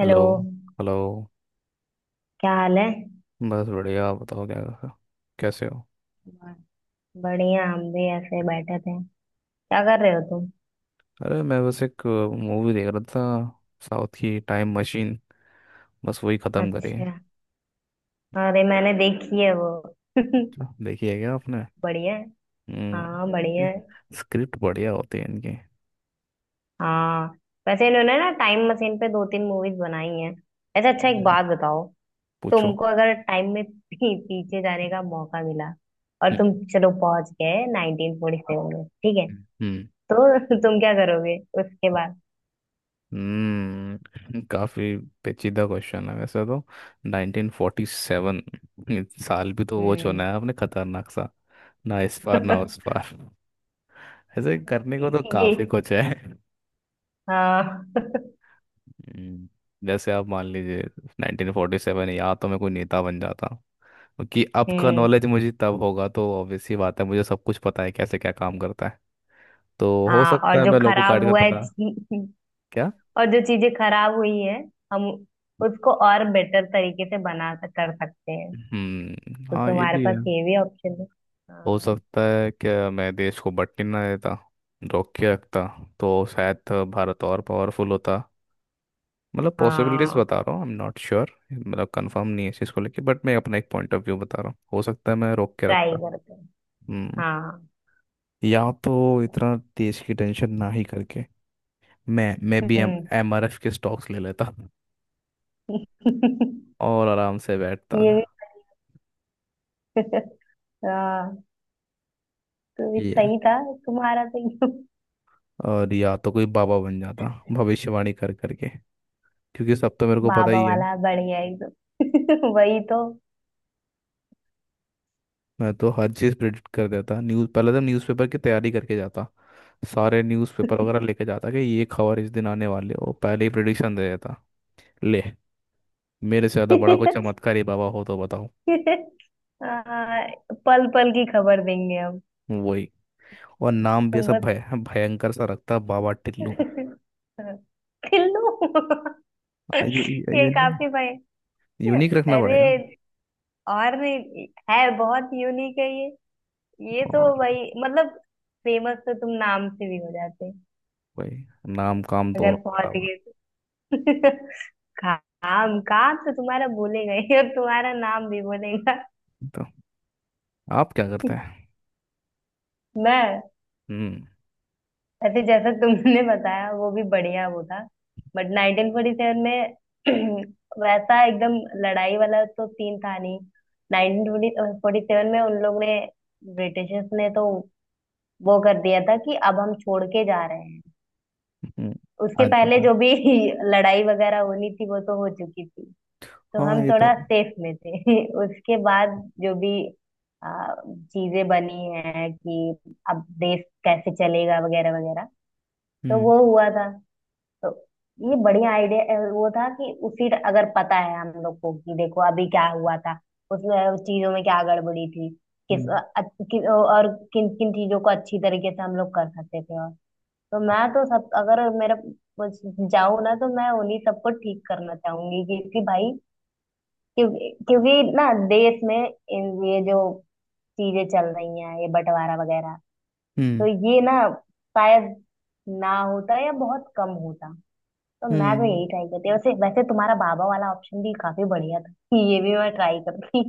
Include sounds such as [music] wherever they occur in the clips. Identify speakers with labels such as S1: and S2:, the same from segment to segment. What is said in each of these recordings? S1: Hello.
S2: Hello.
S1: Hello.
S2: क्या हाल है?
S1: बस बढ़िया। आप बताओ, क्या कैसे हो?
S2: ब- बढ़िया, हम भी ऐसे बैठे थे। क्या कर रहे हो तुम?
S1: अरे, मैं बस एक मूवी देख रहा था, साउथ की टाइम मशीन। बस वही ख़त्म करी है।
S2: अच्छा, अरे मैंने देखी है वो। [laughs]
S1: अच्छा, देखी है क्या आपने?
S2: बढ़िया है। हाँ बढ़िया
S1: हम्म।
S2: है।
S1: स्क्रिप्ट बढ़िया होती है इनकी।
S2: हाँ वैसे इन्होंने ना टाइम मशीन पे 2-3 मूवीज बनाई हैं। ऐसा अच्छा, एक
S1: हम्म।
S2: बात बताओ।
S1: पूछो।
S2: तुमको अगर टाइम में पीछे जाने का मौका मिला और तुम
S1: हम्म।
S2: चलो पहुंच गए 1947 में, ठीक है?
S1: हम्म।
S2: तो [laughs] तुम क्या करोगे उसके बाद?
S1: काफी पेचीदा क्वेश्चन है वैसे तो। 1947 साल भी तो वो
S2: हम्म।
S1: चुना है आपने, खतरनाक सा। ना इस पार ना उस पार। ऐसे करने
S2: [laughs]
S1: को तो काफी
S2: ये
S1: कुछ है।
S2: हाँ। [laughs]
S1: हम्म, जैसे आप मान लीजिए, 1947। या तो मैं कोई नेता बन जाता क्योंकि अब का
S2: हम्म।
S1: नॉलेज मुझे तब होगा, तो ऑब्वियस सी बात है, मुझे सब कुछ पता है कैसे क्या काम करता है। तो हो
S2: हाँ
S1: सकता
S2: और
S1: है
S2: जो
S1: मैं लोगों
S2: खराब
S1: गाइड का
S2: हुआ है
S1: पता।
S2: [laughs]
S1: क्या?
S2: और जो चीजें खराब हुई है, हम उसको और बेटर तरीके से कर सकते हैं।
S1: हम्म।
S2: तो
S1: हाँ, ये
S2: तुम्हारे
S1: भी है।
S2: पास ये भी ऑप्शन है।
S1: हो
S2: हाँ
S1: सकता है कि मैं देश को बंटने ना देता, रोक के रखता। तो शायद भारत और पावरफुल होता। मतलब पॉसिबिलिटीज
S2: हाँ,
S1: बता रहा हूँ, आई एम नॉट श्योर, मतलब कंफर्म नहीं है इस चीज़ को लेके, बट मैं अपना एक पॉइंट ऑफ व्यू बता रहा हूँ। हो सकता है मैं रोक के रखता।
S2: ट्राई करते हैं।
S1: हम्म।
S2: हाँ।
S1: या तो इतना देश की टेंशन ना ही करके, मैं भी एम
S2: हम्म।
S1: एमआरएफ के स्टॉक्स ले लेता
S2: [laughs]
S1: और आराम से बैठता
S2: ये भी
S1: था।
S2: [laughs] हाँ, तो ये
S1: ये है।
S2: सही था तुम्हारा तो। [laughs] एकदम
S1: और या तो कोई बाबा बन जाता, भविष्यवाणी कर करके, क्योंकि सब तो मेरे को पता
S2: बाबा
S1: ही है।
S2: वाला बढ़िया, एकदम [laughs] वही तो।
S1: मैं तो हर चीज़ प्रिडिक्ट कर देता। न्यूज़, पहले तो न्यूज़पेपर की तैयारी करके जाता। सारे न्यूज़पेपर वगैरह लेके जाता, कि ये खबर इस दिन आने वाली है, वो पहले ही प्रिडिक्शन दे देता। ले। मेरे से ज़्यादा बड़ा कोई
S2: [laughs]
S1: चमत्कारी बाबा हो तो बताओ।
S2: हाँ, पल पल की खबर देंगे हम।
S1: वही। और नाम भी
S2: तुम
S1: ऐसा
S2: बस
S1: भय भयंकर सा रखता, बाबा टिल्लू।
S2: [laughs] पिल्लू। [laughs]
S1: यू,
S2: ये
S1: यूनिक।
S2: काफी भाई।
S1: यूनिक रखना पड़ेगा ना।
S2: अरे और नहीं है, बहुत यूनिक है ये। ये तो
S1: और
S2: भाई मतलब फेमस तो तुम नाम से भी हो जाते
S1: वही, नाम काम
S2: अगर
S1: दोनों
S2: पहुंच
S1: बराबर।
S2: गए तो। [laughs] काम काम तो तुम्हारा बोलेगा ही और तुम्हारा नाम भी बोलेगा।
S1: तो आप क्या करते
S2: [laughs]
S1: हैं?
S2: मैं
S1: हम्म।
S2: वैसे जैसा तुमने बताया वो भी बढ़िया वो था। बट 1947 में [clears throat] वैसा एकदम लड़ाई वाला तो सीन था नहीं। 1947 में उन लोग ने, ब्रिटिशर्स ने तो वो कर दिया था कि अब हम छोड़ के जा रहे हैं।
S1: हम्म,
S2: उसके
S1: आज जो
S2: पहले
S1: कर।
S2: जो भी [laughs] लड़ाई वगैरह होनी थी वो तो हो चुकी थी। तो
S1: हाँ,
S2: हम
S1: ये तो
S2: थोड़ा
S1: है।
S2: सेफ में थे [laughs] उसके बाद। जो भी आ, चीजें बनी हैं कि अब देश कैसे चलेगा, वगैरह वगैरह। तो
S1: हम्म।
S2: वो हुआ था। तो ये बढ़िया आइडिया वो था कि उसी अगर पता है हम लोग को कि देखो अभी क्या हुआ था, उसमें चीजों में क्या गड़बड़ी थी, किस
S1: हम्म।
S2: अ- और किन किन चीजों को अच्छी तरीके से हम लोग कर सकते थे। और तो मैं तो सब अगर मेरा कुछ जाऊं ना तो मैं उन्हीं सबको ठीक करना चाहूंगी। क्योंकि भाई, क्योंकि क्योंकि ना देश में ये जो चीजें चल रही हैं, ये बंटवारा वगैरह, तो
S1: हम्म।
S2: ये ना शायद ना होता या बहुत कम होता। तो मैं तो
S1: हम्म।
S2: यही ट्राई करती। वैसे वैसे तुम्हारा बाबा वाला ऑप्शन भी काफी बढ़िया था कि ये भी मैं ट्राई करती।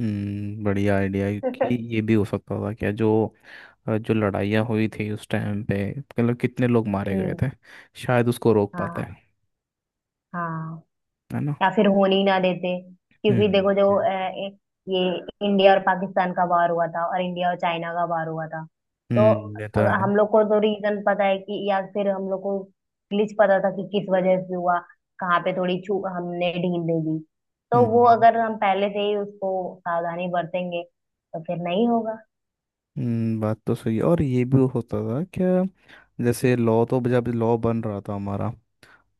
S1: बढ़िया आइडिया कि
S2: [laughs]
S1: ये भी हो सकता था। क्या जो जो लड़ाइयाँ हुई थी उस टाइम पे, मतलब कितने लोग मारे गए
S2: हम्म।
S1: थे। शायद उसको रोक पाते
S2: हाँ
S1: हैं,
S2: हाँ।
S1: है ना।
S2: या फिर होने ही ना देते। क्योंकि
S1: हम्म।
S2: देखो, जो ये इंडिया और पाकिस्तान का वार हुआ था और इंडिया और चाइना का वार हुआ था, तो
S1: हम्म। ये तो
S2: अगर
S1: है।
S2: हम लोग को तो रीजन पता है कि, या फिर हम लोग को ग्लिच पता था कि किस वजह से हुआ, कहाँ पे थोड़ी छू हमने ढील दे दी, तो वो
S1: हम्म।
S2: अगर हम पहले से ही उसको सावधानी बरतेंगे तो फिर नहीं होगा।
S1: बात तो सही है। और ये भी होता था क्या? जैसे लॉ तो, जब लॉ बन रहा था हमारा,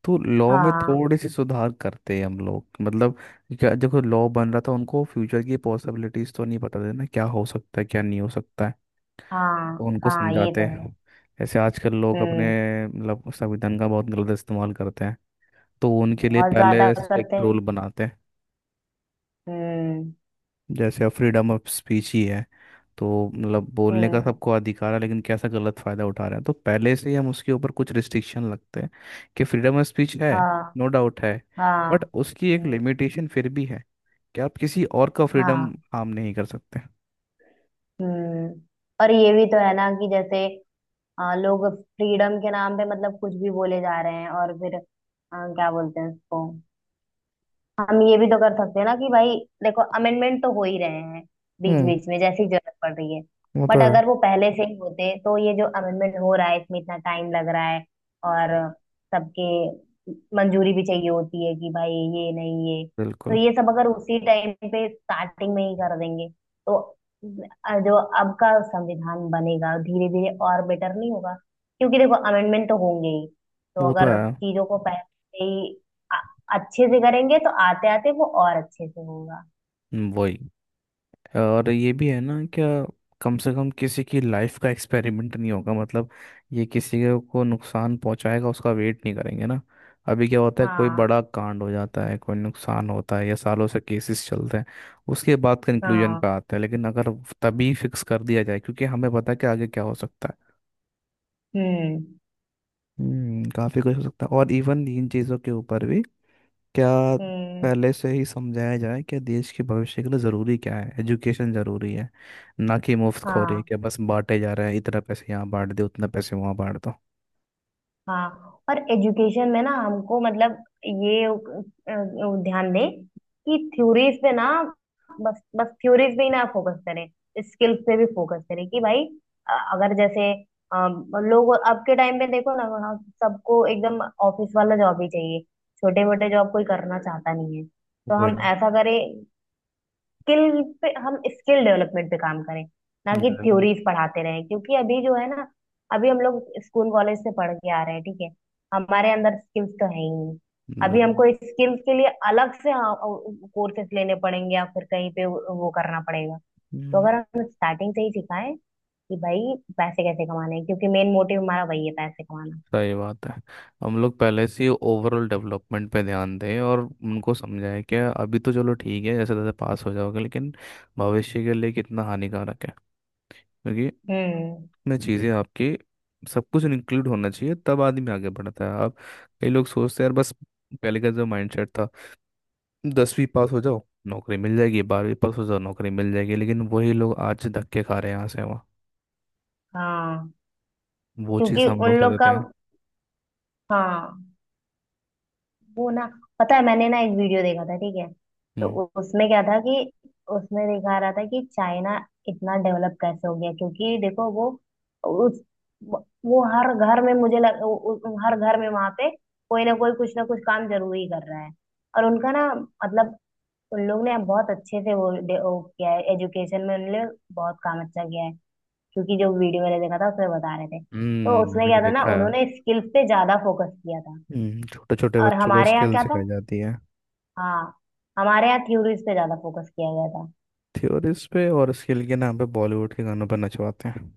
S1: तो लॉ में
S2: हाँ।
S1: थोड़े से सुधार करते हैं हम लोग, मतलब। देखो, लॉ बन रहा था, उनको फ्यूचर की पॉसिबिलिटीज तो नहीं पता थी ना, क्या हो सकता है क्या नहीं हो सकता है। तो
S2: हाँ।
S1: उनको
S2: हाँ ये
S1: समझाते
S2: तो है।
S1: हैं, ऐसे आजकल लोग अपने,
S2: हम्म।
S1: मतलब, संविधान का बहुत गलत इस्तेमाल करते हैं। तो उनके लिए
S2: बहुत ज्यादा
S1: पहले
S2: करते
S1: स्ट्रिक्ट रूल
S2: हैं।
S1: बनाते हैं।
S2: हम्म।
S1: जैसे अब फ्रीडम ऑफ स्पीच ही है। तो मतलब बोलने का
S2: हम्म।
S1: सबको अधिकार है, लेकिन कैसा गलत फायदा उठा रहे हैं, तो पहले से ही हम उसके ऊपर कुछ रिस्ट्रिक्शन लगते हैं। कि फ्रीडम ऑफ स्पीच है।
S2: हाँ।
S1: नो डाउट है। बट
S2: हाँ।
S1: उसकी एक
S2: हम्म।
S1: लिमिटेशन फिर भी है। कि आप किसी और का फ्रीडम
S2: हाँ।
S1: हार्म नहीं कर सकते।
S2: हम्म। और ये भी तो है ना कि जैसे लोग फ्रीडम के नाम पे मतलब कुछ भी बोले जा रहे हैं, और फिर क्या बोलते हैं उसको, हम ये भी तो कर सकते हैं ना कि भाई देखो, अमेंडमेंट तो हो ही रहे हैं बीच
S1: हम्म।
S2: बीच में जैसी जरूरत पड़ रही है।
S1: वो तो
S2: बट
S1: है।
S2: अगर वो पहले से ही होते तो ये जो अमेंडमेंट हो रहा है इसमें इतना टाइम लग रहा है, और सबके मंजूरी भी चाहिए होती है कि भाई ये नहीं ये, तो
S1: बिल्कुल,
S2: ये सब अगर उसी टाइम पे स्टार्टिंग में ही कर देंगे तो जो अब का संविधान बनेगा धीरे धीरे और बेटर नहीं होगा? क्योंकि देखो अमेंडमेंट तो होंगे ही। तो
S1: वो तो
S2: अगर
S1: है।
S2: चीजों को पहले से ही अच्छे से करेंगे तो आते आते वो और अच्छे से होगा।
S1: वही। और ये भी है ना, क्या? कम से कम किसी की लाइफ का एक्सपेरिमेंट नहीं होगा, मतलब। ये किसी के को नुकसान पहुंचाएगा, उसका वेट नहीं करेंगे ना। अभी क्या होता है, कोई
S2: हाँ।
S1: बड़ा कांड हो जाता है, कोई नुकसान होता है, या सालों से केसेस चलते हैं। उसके बाद कंक्लूजन पे
S2: हाँ।
S1: आते हैं। लेकिन अगर तभी फिक्स कर दिया जाए, क्योंकि हमें पता है कि आगे क्या हो सकता है।
S2: हम्म।
S1: हम्म, काफ़ी कुछ हो सकता है। और इवन इन चीज़ों के ऊपर भी। क्या?
S2: हम्म।
S1: पहले से ही समझाया जाए कि देश के भविष्य के लिए ज़रूरी क्या है। एजुकेशन ज़रूरी है। ना कि मुफ्त खोरी है
S2: हाँ।
S1: कि बस बांटे जा रहे हैं, इतना पैसे यहाँ बांट दे, उतना पैसे वहाँ बांट दो।
S2: हाँ और एजुकेशन में ना हमको मतलब ये ध्यान दें कि थ्योरीज पे ना, बस बस थ्योरीज पे ही ना फोकस करें, स्किल्स पे भी फोकस करें। कि भाई अगर जैसे अ, लोग अब के टाइम में देखो ना, हाँ, सबको एकदम ऑफिस वाला जॉब ही चाहिए, छोटे मोटे जॉब कोई करना चाहता नहीं है। तो हम
S1: वही।
S2: ऐसा करें, स्किल पे हम स्किल डेवलपमेंट पे काम करें, ना कि
S1: बिल्कुल,
S2: थ्योरीज पढ़ाते रहें। क्योंकि अभी जो है ना, अभी हम लोग स्कूल कॉलेज से पढ़ के आ रहे हैं, ठीक है, हमारे अंदर स्किल्स तो है ही नहीं। अभी
S1: बिल्कुल।
S2: हमको स्किल्स के लिए अलग से कोर्सेज लेने पड़ेंगे, या फिर कहीं पे वो करना पड़ेगा। तो
S1: हम्म,
S2: अगर हम स्टार्टिंग से ही सिखाएं कि भाई पैसे कैसे कमाने हैं, क्योंकि मेन मोटिव हमारा वही है, पैसे कमाना।
S1: सही बात है। हम लोग पहले से ओवरऑल डेवलपमेंट पे ध्यान दें और उनको समझाएं कि अभी तो चलो ठीक है, जैसे तैसे पास हो जाओगे, लेकिन भविष्य के लिए कितना हानिकारक है, क्योंकि
S2: हम्म।
S1: में चीज़ें आपके, सब कुछ इंक्लूड होना चाहिए तब आदमी आगे बढ़ता है। आप। कई लोग सोचते हैं यार, बस पहले का जो माइंडसेट था, 10वीं पास हो जाओ नौकरी मिल जाएगी, 12वीं पास हो जाओ नौकरी मिल जाएगी, लेकिन वही लोग आज धक्के खा रहे हैं यहाँ से वहाँ।
S2: हाँ
S1: वो
S2: क्योंकि
S1: चीज़ हम
S2: उन
S1: लोग
S2: लोग
S1: सोचते
S2: का,
S1: हैं।
S2: हाँ वो ना, पता है मैंने ना एक वीडियो देखा था, ठीक है, तो
S1: हम्म।
S2: उसमें क्या था कि उसमें दिखा रहा था कि चाइना इतना डेवलप कैसे हो गया। क्योंकि देखो वो उस, वो हर घर में मुझे हर घर में वहां पे कोई ना कोई कुछ ना कुछ काम जरूर ही कर रहा है। और उनका ना मतलब उन लोग ने बहुत अच्छे से वो किया है, एजुकेशन में उन्होंने बहुत काम अच्छा किया है। क्योंकि जो वीडियो मैंने देखा था उसमें बता रहे थे, तो
S1: हम्म।
S2: उसमें
S1: मैंने भी
S2: क्या था ना,
S1: देखा है।
S2: उन्होंने स्किल्स पे ज्यादा फोकस किया था।
S1: हम्म, छोटे छोटे
S2: और
S1: बच्चों को
S2: हमारे यहाँ
S1: स्किल
S2: क्या था,
S1: सिखाई जाती है।
S2: हाँ हमारे यहाँ थ्योरीज पे ज्यादा फोकस किया गया था।
S1: थ्योरीज पे, और स्किल के नाम पे बॉलीवुड के गानों पर नचवाते हैं।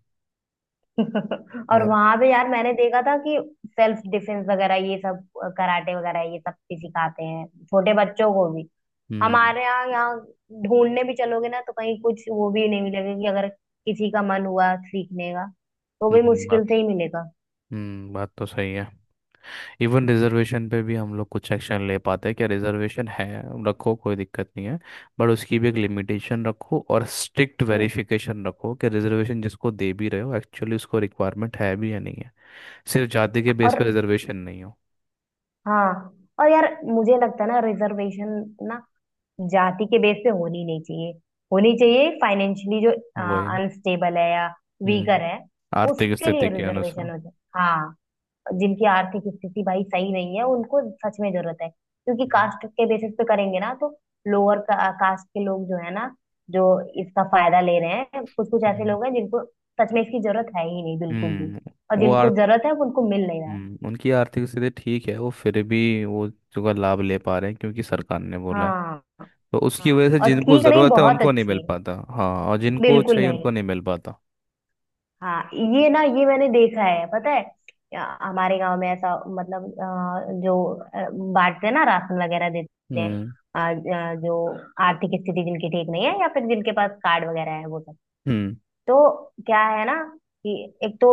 S2: [laughs] और
S1: और।
S2: वहां पे यार मैंने देखा था कि सेल्फ डिफेंस वगैरह ये सब, कराटे वगैरह ये सब भी सिखाते हैं छोटे बच्चों को भी।
S1: हम्म।
S2: हमारे यहाँ यहाँ ढूंढने भी चलोगे ना तो कहीं कुछ वो भी नहीं मिलेगा कि अगर किसी का मन हुआ सीखने का तो भी
S1: हम्म,
S2: मुश्किल
S1: बात।
S2: से ही मिलेगा।
S1: हम्म, बात तो सही है। इवन रिजर्वेशन पे भी हम लोग कुछ एक्शन ले पाते हैं क्या? रिजर्वेशन है, रखो, कोई दिक्कत नहीं है। बट उसकी भी एक लिमिटेशन रखो, और स्ट्रिक्ट
S2: ल-
S1: वेरिफिकेशन रखो, कि रिजर्वेशन जिसको दे भी रहे हो एक्चुअली उसको रिक्वायरमेंट है भी या नहीं है। सिर्फ जाति के
S2: और
S1: बेस पे रिजर्वेशन नहीं हो।
S2: हाँ, और यार मुझे लगता है ना रिजर्वेशन ना जाति के बेस पे होनी नहीं चाहिए, होनी चाहिए फाइनेंशियली जो
S1: वही।
S2: अनस्टेबल है या
S1: हम्म,
S2: वीकर है
S1: आर्थिक
S2: उसके लिए
S1: स्थिति के अनुसार।
S2: रिजर्वेशन हो जाए। हाँ जिनकी आर्थिक स्थिति भाई सही नहीं है उनको सच में जरूरत है। क्योंकि
S1: हम्म।
S2: कास्ट के बेसिस पे करेंगे ना तो लोअर कास्ट के लोग जो है ना, जो इसका फायदा ले रहे हैं, कुछ कुछ ऐसे
S1: हम्म।
S2: लोग हैं जिनको सच में इसकी जरूरत है ही नहीं, बिल्कुल भी।
S1: हम्म।
S2: और
S1: वो
S2: जिनको
S1: आर्थ
S2: जरूरत है वो उनको मिल नहीं रहा है।
S1: हम्म, उनकी आर्थिक स्थिति ठीक है, वो फिर भी वो उसका लाभ ले पा रहे हैं क्योंकि सरकार ने बोला है।
S2: हाँ।
S1: तो उसकी
S2: हाँ
S1: वजह से
S2: और
S1: जिनको
S2: ठीक नहीं,
S1: ज़रूरत है
S2: बहुत
S1: उनको नहीं
S2: अच्छी
S1: मिल
S2: है,
S1: पाता। हाँ, और जिनको
S2: बिल्कुल
S1: चाहिए उनको
S2: नहीं।
S1: नहीं मिल पाता।
S2: हाँ ये ना ये मैंने देखा है, पता है, या, हमारे गांव में ऐसा मतलब जो बांटते हैं ना राशन वगैरह देते हैं,
S1: हम्म।
S2: जो आर्थिक स्थिति जिनकी ठीक नहीं है या फिर जिनके पास कार्ड वगैरह है वो सब,
S1: हम्म।
S2: तो क्या है ना कि एक तो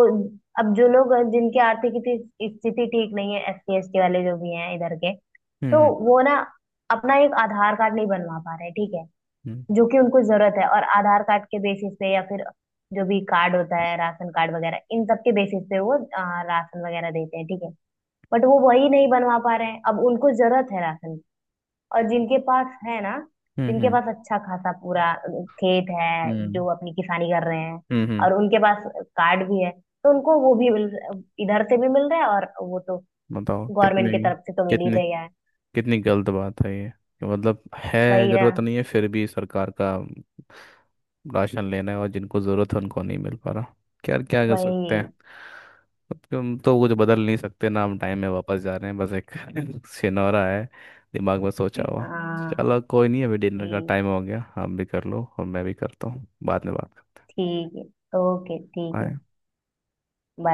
S2: अब जो लोग जिनकी आर्थिक स्थिति स्थिति ठीक नहीं है, SC ST वाले जो भी हैं इधर के, तो
S1: हम्म।
S2: वो ना अपना एक आधार कार्ड नहीं बनवा पा रहे, ठीक है,
S1: हम्म।
S2: जो कि उनको जरूरत है। और आधार कार्ड के बेसिस पे या फिर जो भी कार्ड होता है राशन कार्ड वगैरह इन सब के बेसिस पे वो राशन वगैरह देते हैं, ठीक है, बट वो वही नहीं बनवा पा रहे हैं, अब उनको जरूरत है राशन की। और जिनके पास है ना,
S1: हम्म।
S2: जिनके
S1: हम्म।
S2: पास अच्छा खासा पूरा खेत है,
S1: हम्म।
S2: जो अपनी किसानी कर रहे हैं
S1: हम्म।
S2: और उनके पास कार्ड भी है, तो उनको वो भी मिल, इधर से भी मिल रहा है और वो तो
S1: बताओ
S2: गवर्नमेंट
S1: कितनी।
S2: की तरफ से तो मिल ही
S1: कितनी
S2: रहा है।
S1: कितनी गलत बात है ये कि, मतलब है।
S2: वही ना।
S1: ज़रूरत नहीं है फिर भी सरकार का राशन लेना है, और जिनको ज़रूरत है उनको नहीं मिल पा रहा। क्या क्या कर सकते हैं?
S2: वही।
S1: अब तो हम तो कुछ बदल नहीं सकते ना, हम टाइम में वापस जा रहे हैं, बस एक [laughs] सिनोरा है दिमाग में, सोचा हुआ।
S2: हाँ।
S1: चलो कोई नहीं, अभी डिनर का
S2: ठीक,
S1: टाइम हो गया, आप भी कर लो और मैं भी करता हूँ, बाद में बात
S2: ठीक है, ओके ठीक
S1: करते
S2: है।
S1: हैं।